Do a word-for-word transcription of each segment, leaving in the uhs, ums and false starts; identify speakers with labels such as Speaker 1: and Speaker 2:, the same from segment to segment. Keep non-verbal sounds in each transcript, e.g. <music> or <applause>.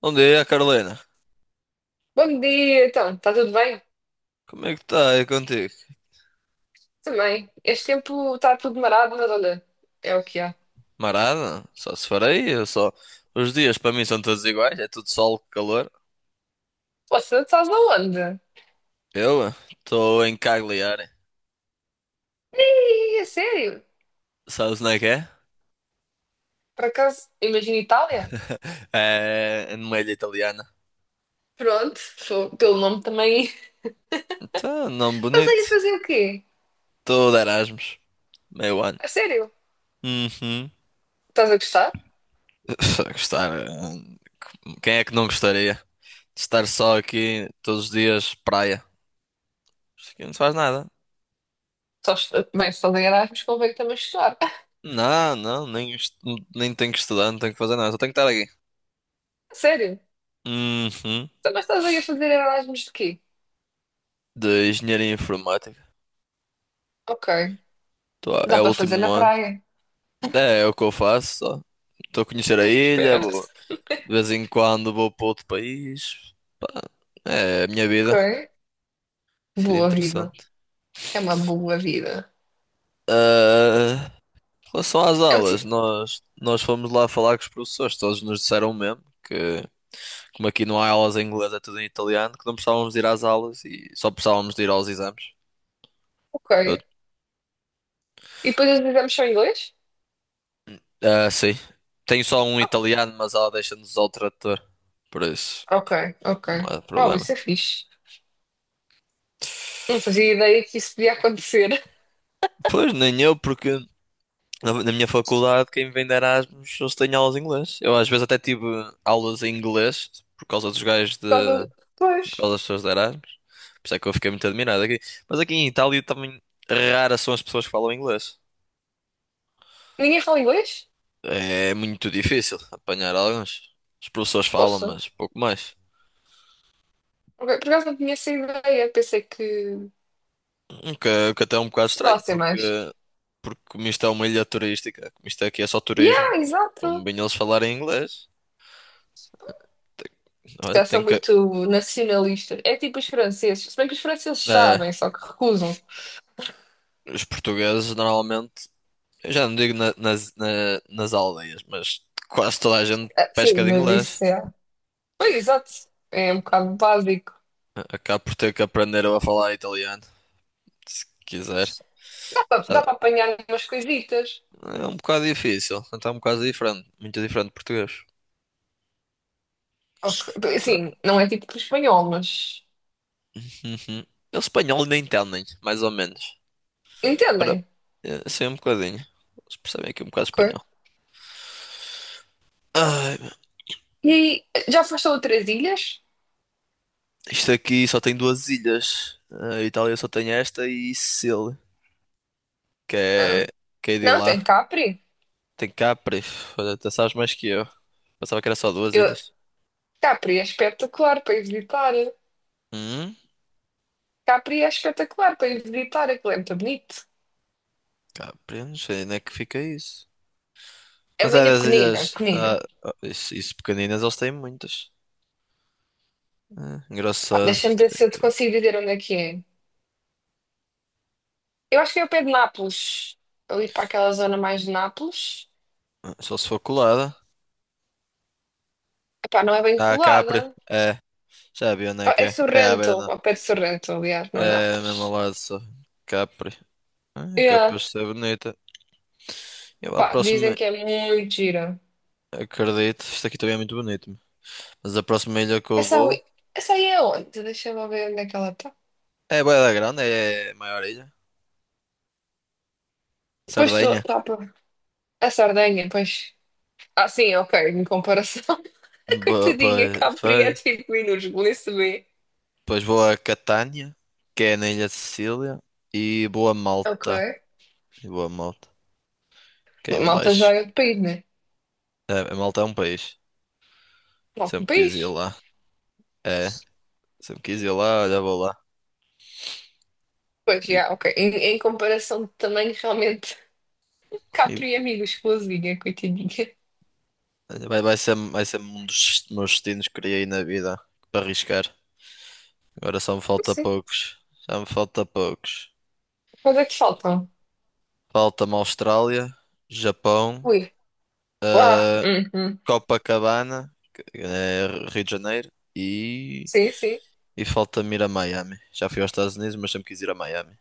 Speaker 1: Bom dia, Carolina.
Speaker 2: Bom dia, então, está tudo bem?
Speaker 1: Como é que está aí contigo?
Speaker 2: Também. Este tempo está tudo marado, mas olha, é o que há.
Speaker 1: Marada? Só se farei, eu só. Os dias para mim são todos iguais, é tudo sol, calor.
Speaker 2: Você estás aonde?
Speaker 1: Eu eh, estou em Cagliari.
Speaker 2: Ih, é sério?
Speaker 1: Sabes onde é que é?
Speaker 2: Por acaso, imagina Itália?
Speaker 1: <laughs> É numa ilha italiana.
Speaker 2: Pronto, sou- pelo nome também. <laughs>
Speaker 1: Então, nome
Speaker 2: Estás aí a
Speaker 1: bonito.
Speaker 2: fazer o quê?
Speaker 1: Estou de Erasmus. Meio ano.
Speaker 2: A sério?
Speaker 1: Uhum.
Speaker 2: Estás a gostar?
Speaker 1: <laughs> Gostar. eh, Quem é que não gostaria? de Estar só aqui todos os dias, praia. Isto aqui não se faz nada.
Speaker 2: Só, est- bem, se estás em Erasmus, convém também estudar. <laughs>
Speaker 1: Não, não, nem, estu- nem tenho que estudar, não tenho que fazer nada, só tenho que estar aqui.
Speaker 2: A sério?
Speaker 1: Uhum.
Speaker 2: Então, mas estás aí a fazer Erasmus de quê?
Speaker 1: De engenharia informática.
Speaker 2: Ok,
Speaker 1: Tô- é
Speaker 2: dá
Speaker 1: o
Speaker 2: para fazer
Speaker 1: último
Speaker 2: na
Speaker 1: ano.
Speaker 2: praia.
Speaker 1: É, é o que eu faço, só. Estou a conhecer a
Speaker 2: <laughs>
Speaker 1: ilha,
Speaker 2: Esperto.
Speaker 1: vou- de vez em quando vou para outro país. Pá, é a minha
Speaker 2: Ok,
Speaker 1: vida. Sido
Speaker 2: boa vida.
Speaker 1: interessante.
Speaker 2: É uma boa vida.
Speaker 1: Ah, em relação às
Speaker 2: É um... ti-
Speaker 1: aulas, nós, nós fomos lá falar com os professores, todos nos disseram o mesmo que, como aqui não há aulas em inglês, é tudo em italiano, que não precisávamos de ir às aulas e só precisávamos de ir aos exames. Eu-
Speaker 2: Ok. E depois os exames são em inglês?
Speaker 1: Ah, sim. Tenho só um
Speaker 2: Ah,
Speaker 1: italiano, mas ela deixa-nos ao trator. Por isso.
Speaker 2: ok, ok.
Speaker 1: Não há
Speaker 2: Uau,
Speaker 1: problema.
Speaker 2: isso é fixe. Não fazia ideia que isso podia acontecer. <laughs>
Speaker 1: Pois, nem eu, porque na na minha faculdade, quem vem de Erasmus, eles têm aulas de inglês. Eu às vezes até tive aulas em inglês por causa dos gajos
Speaker 2: Por
Speaker 1: de.
Speaker 2: causa...
Speaker 1: Por
Speaker 2: Pois.
Speaker 1: causa das pessoas de Erasmus. Por isso é que eu fiquei muito admirado aqui. Mas aqui em Itália também raras são as pessoas que falam inglês.
Speaker 2: Ninguém fala inglês?
Speaker 1: É muito difícil apanhar alguns. Os professores falam,
Speaker 2: Poxa.
Speaker 1: mas pouco mais.
Speaker 2: Ok, por acaso não tinha essa ideia. Pensei que
Speaker 1: O que, o que até é um bocado estranho,
Speaker 2: falassem
Speaker 1: porque,
Speaker 2: mais.
Speaker 1: porque como isto é uma ilha turística, como isto aqui é só
Speaker 2: Yeah,
Speaker 1: turismo, como
Speaker 2: exato.
Speaker 1: bem eles falarem inglês. Tem,
Speaker 2: Se
Speaker 1: Olha,
Speaker 2: calhar são
Speaker 1: tem que,
Speaker 2: muito nacionalistas. É tipo os franceses. Se bem que os franceses
Speaker 1: É,
Speaker 2: sabem, só que recusam-se.
Speaker 1: os portugueses normalmente, eu já não digo na- nas, na- nas aldeias, mas quase toda a gente
Speaker 2: Ah,
Speaker 1: pesca
Speaker 2: sim,
Speaker 1: de
Speaker 2: mas
Speaker 1: inglês.
Speaker 2: isso é. Pois, exato. É um bocado básico.
Speaker 1: Acaba por ter que aprender a falar italiano, se quiser.
Speaker 2: Dá
Speaker 1: Sabe,
Speaker 2: para apanhar umas coisitas.
Speaker 1: é um bocado difícil, então é um bocado diferente, muito diferente de português.
Speaker 2: Ok.
Speaker 1: Sabe?
Speaker 2: Sim, não é tipo espanhol, mas.
Speaker 1: Uhum. Eles espanhol nem entendem, mais ou menos. Ora,
Speaker 2: Entendem?
Speaker 1: é, sim, um bocadinho. Eles percebem aqui um bocado
Speaker 2: Ok.
Speaker 1: espanhol. Ai, meu,
Speaker 2: E aí, já foste a outras ilhas?
Speaker 1: isto aqui só tem duas ilhas. A Itália só tem esta e Sicília, que
Speaker 2: Ah,
Speaker 1: é, que é de
Speaker 2: não, tem
Speaker 1: lá.
Speaker 2: Capri.
Speaker 1: Tem Capres. Olha, tu sabes mais que eu. Pensava que era só duas
Speaker 2: Eu,
Speaker 1: ilhas.
Speaker 2: Capri é espetacular para ir visitar.
Speaker 1: Hum,
Speaker 2: Capri é espetacular para ir visitar, aquilo é muito bonito.
Speaker 1: Capri, não sei onde é que fica isso.
Speaker 2: É
Speaker 1: Mas
Speaker 2: uma
Speaker 1: é
Speaker 2: ilha
Speaker 1: das
Speaker 2: pequenina,
Speaker 1: ilhas. Ah,
Speaker 2: pequenina.
Speaker 1: ah, isso, isso pequeninas, eles têm muitas. Ah,
Speaker 2: Pá,
Speaker 1: engraçado.
Speaker 2: deixa-me ver
Speaker 1: Tem
Speaker 2: se eu te
Speaker 1: que-
Speaker 2: consigo dizer onde é que é. Eu acho que é o pé de Nápoles. Ali para aquela zona mais de Nápoles.
Speaker 1: ah, Só se for colada.
Speaker 2: Epá, não é bem
Speaker 1: Ah, Capri.
Speaker 2: colada.
Speaker 1: É, já vi onde é
Speaker 2: Ah,
Speaker 1: que
Speaker 2: é
Speaker 1: é. É à
Speaker 2: Sorrento,
Speaker 1: beira não.
Speaker 2: ao pé de Sorrento, aliás, não é
Speaker 1: É mesmo ao
Speaker 2: Nápoles.
Speaker 1: lado só. Capri. Ah, é
Speaker 2: Yeah.
Speaker 1: capaz de ser bonita. Eu a
Speaker 2: Pá, dizem
Speaker 1: próxima.
Speaker 2: que é muito gira.
Speaker 1: Acredito. Isto aqui também é muito bonito. Mas a próxima ilha que eu
Speaker 2: Essa
Speaker 1: vou.
Speaker 2: aí, essa aí é onde? Deixa-me ver onde é que ela está.
Speaker 1: É bué da grande, é a maior ilha.
Speaker 2: Pois estou
Speaker 1: Sardenha.
Speaker 2: está por. A Sardenha, pois. Ah, sim, ok, em comparação. <laughs> A
Speaker 1: Boa,
Speaker 2: coitadinha
Speaker 1: pois,
Speaker 2: Capri é
Speaker 1: pois.
Speaker 2: cinco minutos, nem se vê.
Speaker 1: Depois vou a Catânia, que é na Ilha de Sicília, e vou a
Speaker 2: Ok.
Speaker 1: Malta. E vou a Malta, que é em
Speaker 2: Malta já
Speaker 1: baixo.
Speaker 2: é de país, né?
Speaker 1: É, a Malta é um país.
Speaker 2: Não, de
Speaker 1: Sempre quis ir
Speaker 2: país.
Speaker 1: lá. É, sempre quis ir lá, olha, vou lá.
Speaker 2: Pois,
Speaker 1: E,
Speaker 2: já, ok. Em, em comparação de tamanho, realmente, <laughs>
Speaker 1: e
Speaker 2: Capri é amigo, coitadinha.
Speaker 1: olha, vai, vai ser, vai ser um dos meus destinos que criei na vida para arriscar. Agora só me falta
Speaker 2: Sim.
Speaker 1: poucos. Já me falta poucos.
Speaker 2: Quanto é que faltam?
Speaker 1: Falta-me Austrália, Japão,
Speaker 2: Ui. Ah,
Speaker 1: eh,
Speaker 2: uhum.
Speaker 1: Copacabana, que é Rio de Janeiro, e.
Speaker 2: Sim, sim.
Speaker 1: E falta-me ir a Miami. Já fui aos Estados Unidos, mas sempre quis ir a Miami.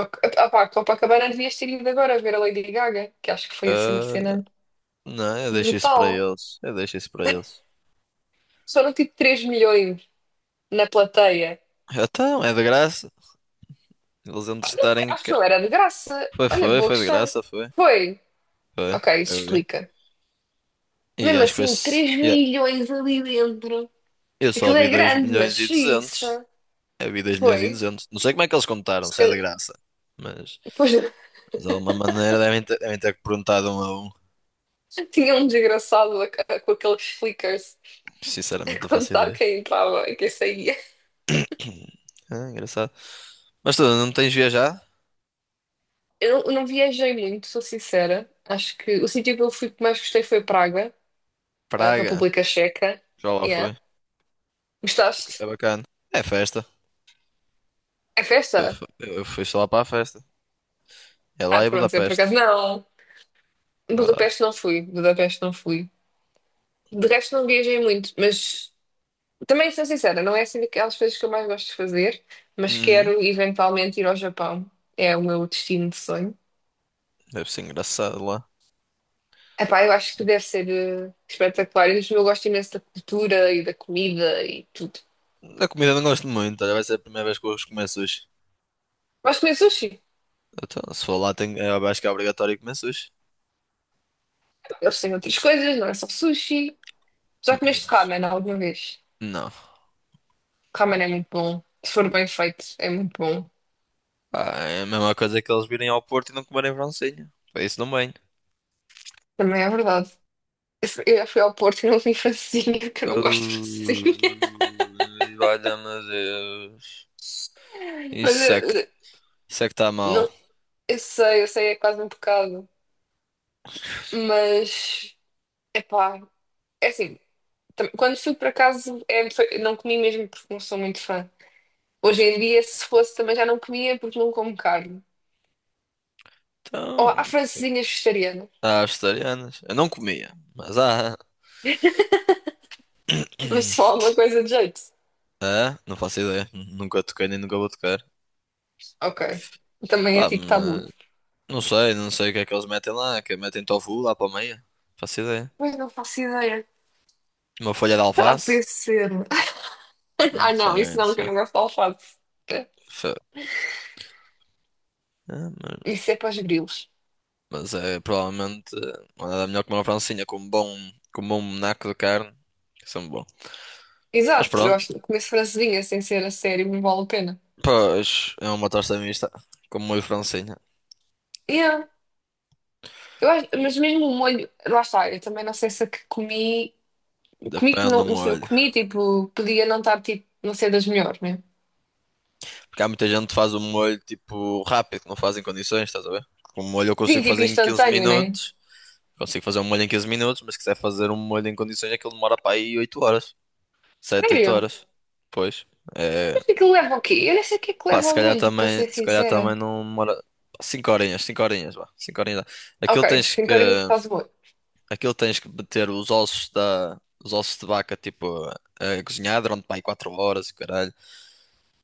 Speaker 2: Ok. Ah, pá, Copacabana devias ter ido agora ver a Lady Gaga, que acho que foi assim uma
Speaker 1: Ah,
Speaker 2: cena
Speaker 1: não, eu deixo isso para
Speaker 2: brutal.
Speaker 1: eles. Eu deixo isso para eles.
Speaker 2: Foram tipo três milhões na plateia.
Speaker 1: Então, é de graça. Eles vão
Speaker 2: Pá, não sei,
Speaker 1: estarem
Speaker 2: acho que
Speaker 1: cá.
Speaker 2: não era de graça.
Speaker 1: Foi,
Speaker 2: Olha,
Speaker 1: foi,
Speaker 2: boa
Speaker 1: foi de
Speaker 2: questão.
Speaker 1: graça, foi.
Speaker 2: Foi.
Speaker 1: Foi,
Speaker 2: Ok, isso
Speaker 1: eu vi.
Speaker 2: explica.
Speaker 1: E
Speaker 2: Mesmo
Speaker 1: acho que foi.
Speaker 2: assim,
Speaker 1: S-
Speaker 2: três
Speaker 1: yeah,
Speaker 2: milhões ali dentro.
Speaker 1: eu só
Speaker 2: Aquilo
Speaker 1: vi
Speaker 2: é
Speaker 1: dois
Speaker 2: grande, mas
Speaker 1: milhões e duzentos
Speaker 2: xiça.
Speaker 1: Eu vi dois milhões e
Speaker 2: Foi.
Speaker 1: duzentos Não sei como é que eles contaram,
Speaker 2: Se
Speaker 1: se é
Speaker 2: calhar-
Speaker 1: de graça. Mas,
Speaker 2: Depois <laughs>
Speaker 1: mas de alguma maneira devem ter, devem ter, perguntado um a um.
Speaker 2: tinha um desgraçado a- a- com aqueles flickers
Speaker 1: Sinceramente,
Speaker 2: a
Speaker 1: não faço
Speaker 2: contar
Speaker 1: ideia.
Speaker 2: quem entrava e quem saía.
Speaker 1: <clears throat> Ah, engraçado. Mas tu não tens viajado?
Speaker 2: Eu não viajei muito, sou sincera. Acho que o sítio que eu fui que mais gostei foi Praga, a
Speaker 1: Praga.
Speaker 2: República Checa.
Speaker 1: Já lá
Speaker 2: Yeah.
Speaker 1: foi.
Speaker 2: Gostaste?
Speaker 1: É bacana. É festa.
Speaker 2: É festa?
Speaker 1: Eu fu- eu fui só lá para a festa. É
Speaker 2: Ah,
Speaker 1: lá em
Speaker 2: pronto, eu por acaso
Speaker 1: Budapeste.
Speaker 2: não.
Speaker 1: Lá.
Speaker 2: Budapeste não fui, Budapeste não fui. De resto não viajei muito, mas também sou sincera, não é assim daquelas coisas que eu mais gosto de fazer, mas
Speaker 1: Hum,
Speaker 2: quero eventualmente ir ao Japão. É o meu destino de sonho.
Speaker 1: deve ser engraçado lá.
Speaker 2: Epá, eu acho que deve ser eh, espetacular. E eu gosto imenso da cultura e da comida e tudo.
Speaker 1: Da comida não gosto muito. olha, vai ser a primeira vez que eu vou comer sushi.
Speaker 2: Gosto de comer sushi.
Speaker 1: Então, se for lá, tenho, eu acho que é obrigatório comer sushi.
Speaker 2: Eles têm outras coisas, não é só sushi. Já
Speaker 1: Hum,
Speaker 2: comeste ramen alguma vez?
Speaker 1: Não.
Speaker 2: Ramen é muito bom. Se for bem feito, é muito bom.
Speaker 1: Pá, é a mesma coisa que eles virem ao Porto e não comerem francesinha. Para Isso não bem.
Speaker 2: Também é verdade. Eu já fui ao Porto e não comi francesinha, porque eu
Speaker 1: Uh,
Speaker 2: não gosto de francesinha.
Speaker 1: valha-me Deus.
Speaker 2: <laughs> Mas eu,
Speaker 1: Isso é que,
Speaker 2: eu-
Speaker 1: isso é que está mal.
Speaker 2: não, eu sei, eu sei, é quase um pecado. Mas, epá, é assim, tam- quando fui para casa, é, foi- não comi mesmo porque não sou muito fã. Hoje em dia, se fosse, também já não comia porque não como carne. Ou há
Speaker 1: Então,
Speaker 2: francesinhas vegetarianas,
Speaker 1: há vegetarianas. Eu não comia, mas há.
Speaker 2: <laughs> mas só
Speaker 1: <clears throat>
Speaker 2: alguma coisa de jeito.
Speaker 1: Ah, não faço ideia. Nunca toquei nem nunca vou tocar.
Speaker 2: Ok, também é
Speaker 1: Pá,
Speaker 2: tipo tabu.
Speaker 1: mas não sei, não sei o que é que eles metem lá. Que metem tofu lá para a meia. Faço ideia.
Speaker 2: Mas não faço ideia.
Speaker 1: Uma folha de
Speaker 2: Será que
Speaker 1: alface?
Speaker 2: podia ser? <laughs>
Speaker 1: Não
Speaker 2: Ah, não,
Speaker 1: sei,
Speaker 2: isso
Speaker 1: não
Speaker 2: não, que eu
Speaker 1: sei.
Speaker 2: não gosto de alface. É,
Speaker 1: Fe- Ah, mas,
Speaker 2: isso é para os grilos.
Speaker 1: mas é provavelmente eh, não há nada melhor que uma francinha com um bom, com um bom naco de carne. Que são bom. Mas
Speaker 2: Exato, eu
Speaker 1: pronto,
Speaker 2: acho que comer francesinha sem ser a sério não vale a pena.
Speaker 1: pois é uma tosta mista com molho francinha.
Speaker 2: Yeah. Eu acho, mas mesmo o molho, lá está, eu também não sei se a que comi, comi que
Speaker 1: Depende do
Speaker 2: não, não sei, eu
Speaker 1: molho.
Speaker 2: comi, tipo, podia não estar, tipo, não ser das melhores, né?
Speaker 1: Porque há muita gente que faz o molho tipo rápido, que não faz em condições, estás a ver? Com o molho eu
Speaker 2: Sim,
Speaker 1: consigo
Speaker 2: tipo,
Speaker 1: fazer em quinze
Speaker 2: instantâneo, né?
Speaker 1: minutos. Consigo fazer um molho em quinze minutos, mas se quiser fazer um molho em condições, aquilo demora para aí oito horas. Sete oito
Speaker 2: Sério?
Speaker 1: horas. Pois. É...
Speaker 2: Mas o que leva o quê? Eu nem sei o que é que
Speaker 1: Pá,
Speaker 2: leva
Speaker 1: se
Speaker 2: ao
Speaker 1: calhar
Speaker 2: molho, para
Speaker 1: também,
Speaker 2: ser
Speaker 1: se calhar também
Speaker 2: sincera.
Speaker 1: não demora. Cinco horinhas, cinco horinhas, vá. cinco horinhas. Dá. Aquilo
Speaker 2: Ok,
Speaker 1: tens
Speaker 2: tem
Speaker 1: que.
Speaker 2: carinho que faz molho.
Speaker 1: Aquilo tens que meter os ossos da. Os ossos de vaca, tipo, a, a cozinhar durante pá, quatro horas, e caralho.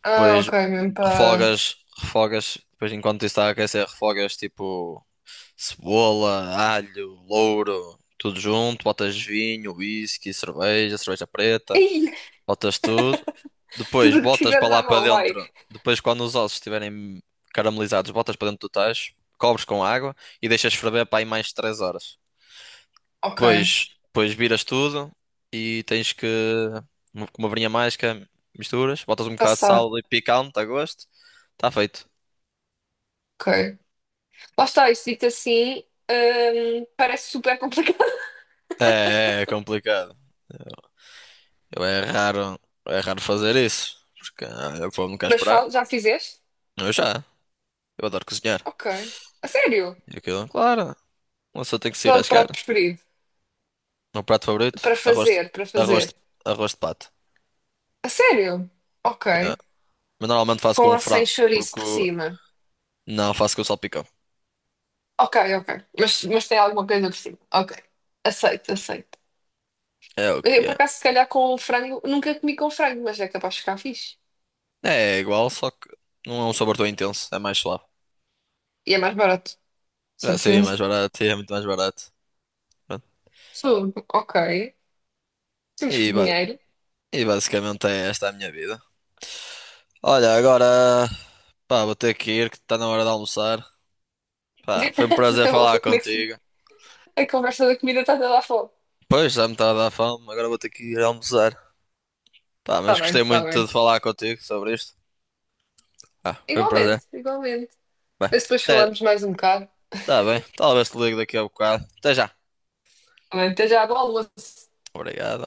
Speaker 2: Ah,
Speaker 1: Depois
Speaker 2: ok, mesmo para...
Speaker 1: refogas, refogas. Depois enquanto isso está a aquecer, refogas tipo Cebola, alho, louro, tudo junto. Botas vinho, whisky, cerveja, cerveja
Speaker 2: <laughs>
Speaker 1: preta.
Speaker 2: Ih,
Speaker 1: Botas tudo. Depois
Speaker 2: tudo o que
Speaker 1: botas para
Speaker 2: tiveres à
Speaker 1: lá para
Speaker 2: mão, vai.
Speaker 1: dentro. Depois, quando os ossos estiverem caramelizados, botas para dentro do tacho. Cobres com água e deixas ferver para aí mais três horas.
Speaker 2: Ok,
Speaker 1: Depois, depois viras tudo e tens que. uma- Com uma varinha mágica, misturas. Botas um bocado de
Speaker 2: passar,
Speaker 1: sal e picante a gosto. Está feito.
Speaker 2: ok. Lá está, isto dito assim, hum, parece super complicado.
Speaker 1: É, é é complicado. Eu é raro, é raro fazer isso, porque ah, eu vou nunca
Speaker 2: Mas
Speaker 1: esperar.
Speaker 2: fal- já fizeste?
Speaker 1: Eu já, eu adoro cozinhar.
Speaker 2: Ok. A sério?
Speaker 1: E aquilo, claro, uma pessoa tem que se
Speaker 2: Qual é o
Speaker 1: arriscar.
Speaker 2: prato
Speaker 1: O
Speaker 2: preferido?
Speaker 1: meu prato favorito,
Speaker 2: Para
Speaker 1: arroz, de-
Speaker 2: fazer, para
Speaker 1: arroz, de-
Speaker 2: fazer.
Speaker 1: arroz de pato.
Speaker 2: A sério? Ok.
Speaker 1: Yeah. Mas normalmente faço
Speaker 2: Com
Speaker 1: com
Speaker 2: a sem
Speaker 1: frango,
Speaker 2: chouriço
Speaker 1: porque
Speaker 2: por
Speaker 1: o-
Speaker 2: cima.
Speaker 1: não faço com salpicão.
Speaker 2: Ok, ok. Mas, mas tem alguma coisa por cima. Ok. Aceito, aceito.
Speaker 1: É o
Speaker 2: Eu,
Speaker 1: que
Speaker 2: por
Speaker 1: é.
Speaker 2: acaso, se calhar com um frango, nunca comi com frango, mas é capaz de ficar fixe.
Speaker 1: É igual, só que não é um sabor tão intenso, é mais suave.
Speaker 2: E é mais barato.
Speaker 1: Já sei, é
Speaker 2: Certeza.
Speaker 1: mais barato, <laughs> é muito mais barato. Pronto.
Speaker 2: Fogo. Ok. Temos que
Speaker 1: E, ba-
Speaker 2: dinheiro.
Speaker 1: e basicamente é esta a minha vida. Olha, agora, pá, vou ter que ir, que está na hora de almoçar. Pá, foi um
Speaker 2: <laughs>
Speaker 1: prazer
Speaker 2: Eu
Speaker 1: falar
Speaker 2: vou comer. Sim.
Speaker 1: contigo.
Speaker 2: A conversa da comida está toda a fome.
Speaker 1: Pois, já me está a dar fome, agora vou ter que ir almoçar. Pá,
Speaker 2: Está
Speaker 1: mas
Speaker 2: bem,
Speaker 1: gostei
Speaker 2: está
Speaker 1: muito
Speaker 2: bem.
Speaker 1: de falar contigo sobre isto. Ah, foi um prazer.
Speaker 2: Igualmente, igualmente.
Speaker 1: Bem,
Speaker 2: Mas depois
Speaker 1: até,
Speaker 2: falamos mais um bocado.
Speaker 1: tá bem, talvez te ligue daqui a bocado. Até já.
Speaker 2: Não esteja água à lua.
Speaker 1: Obrigado.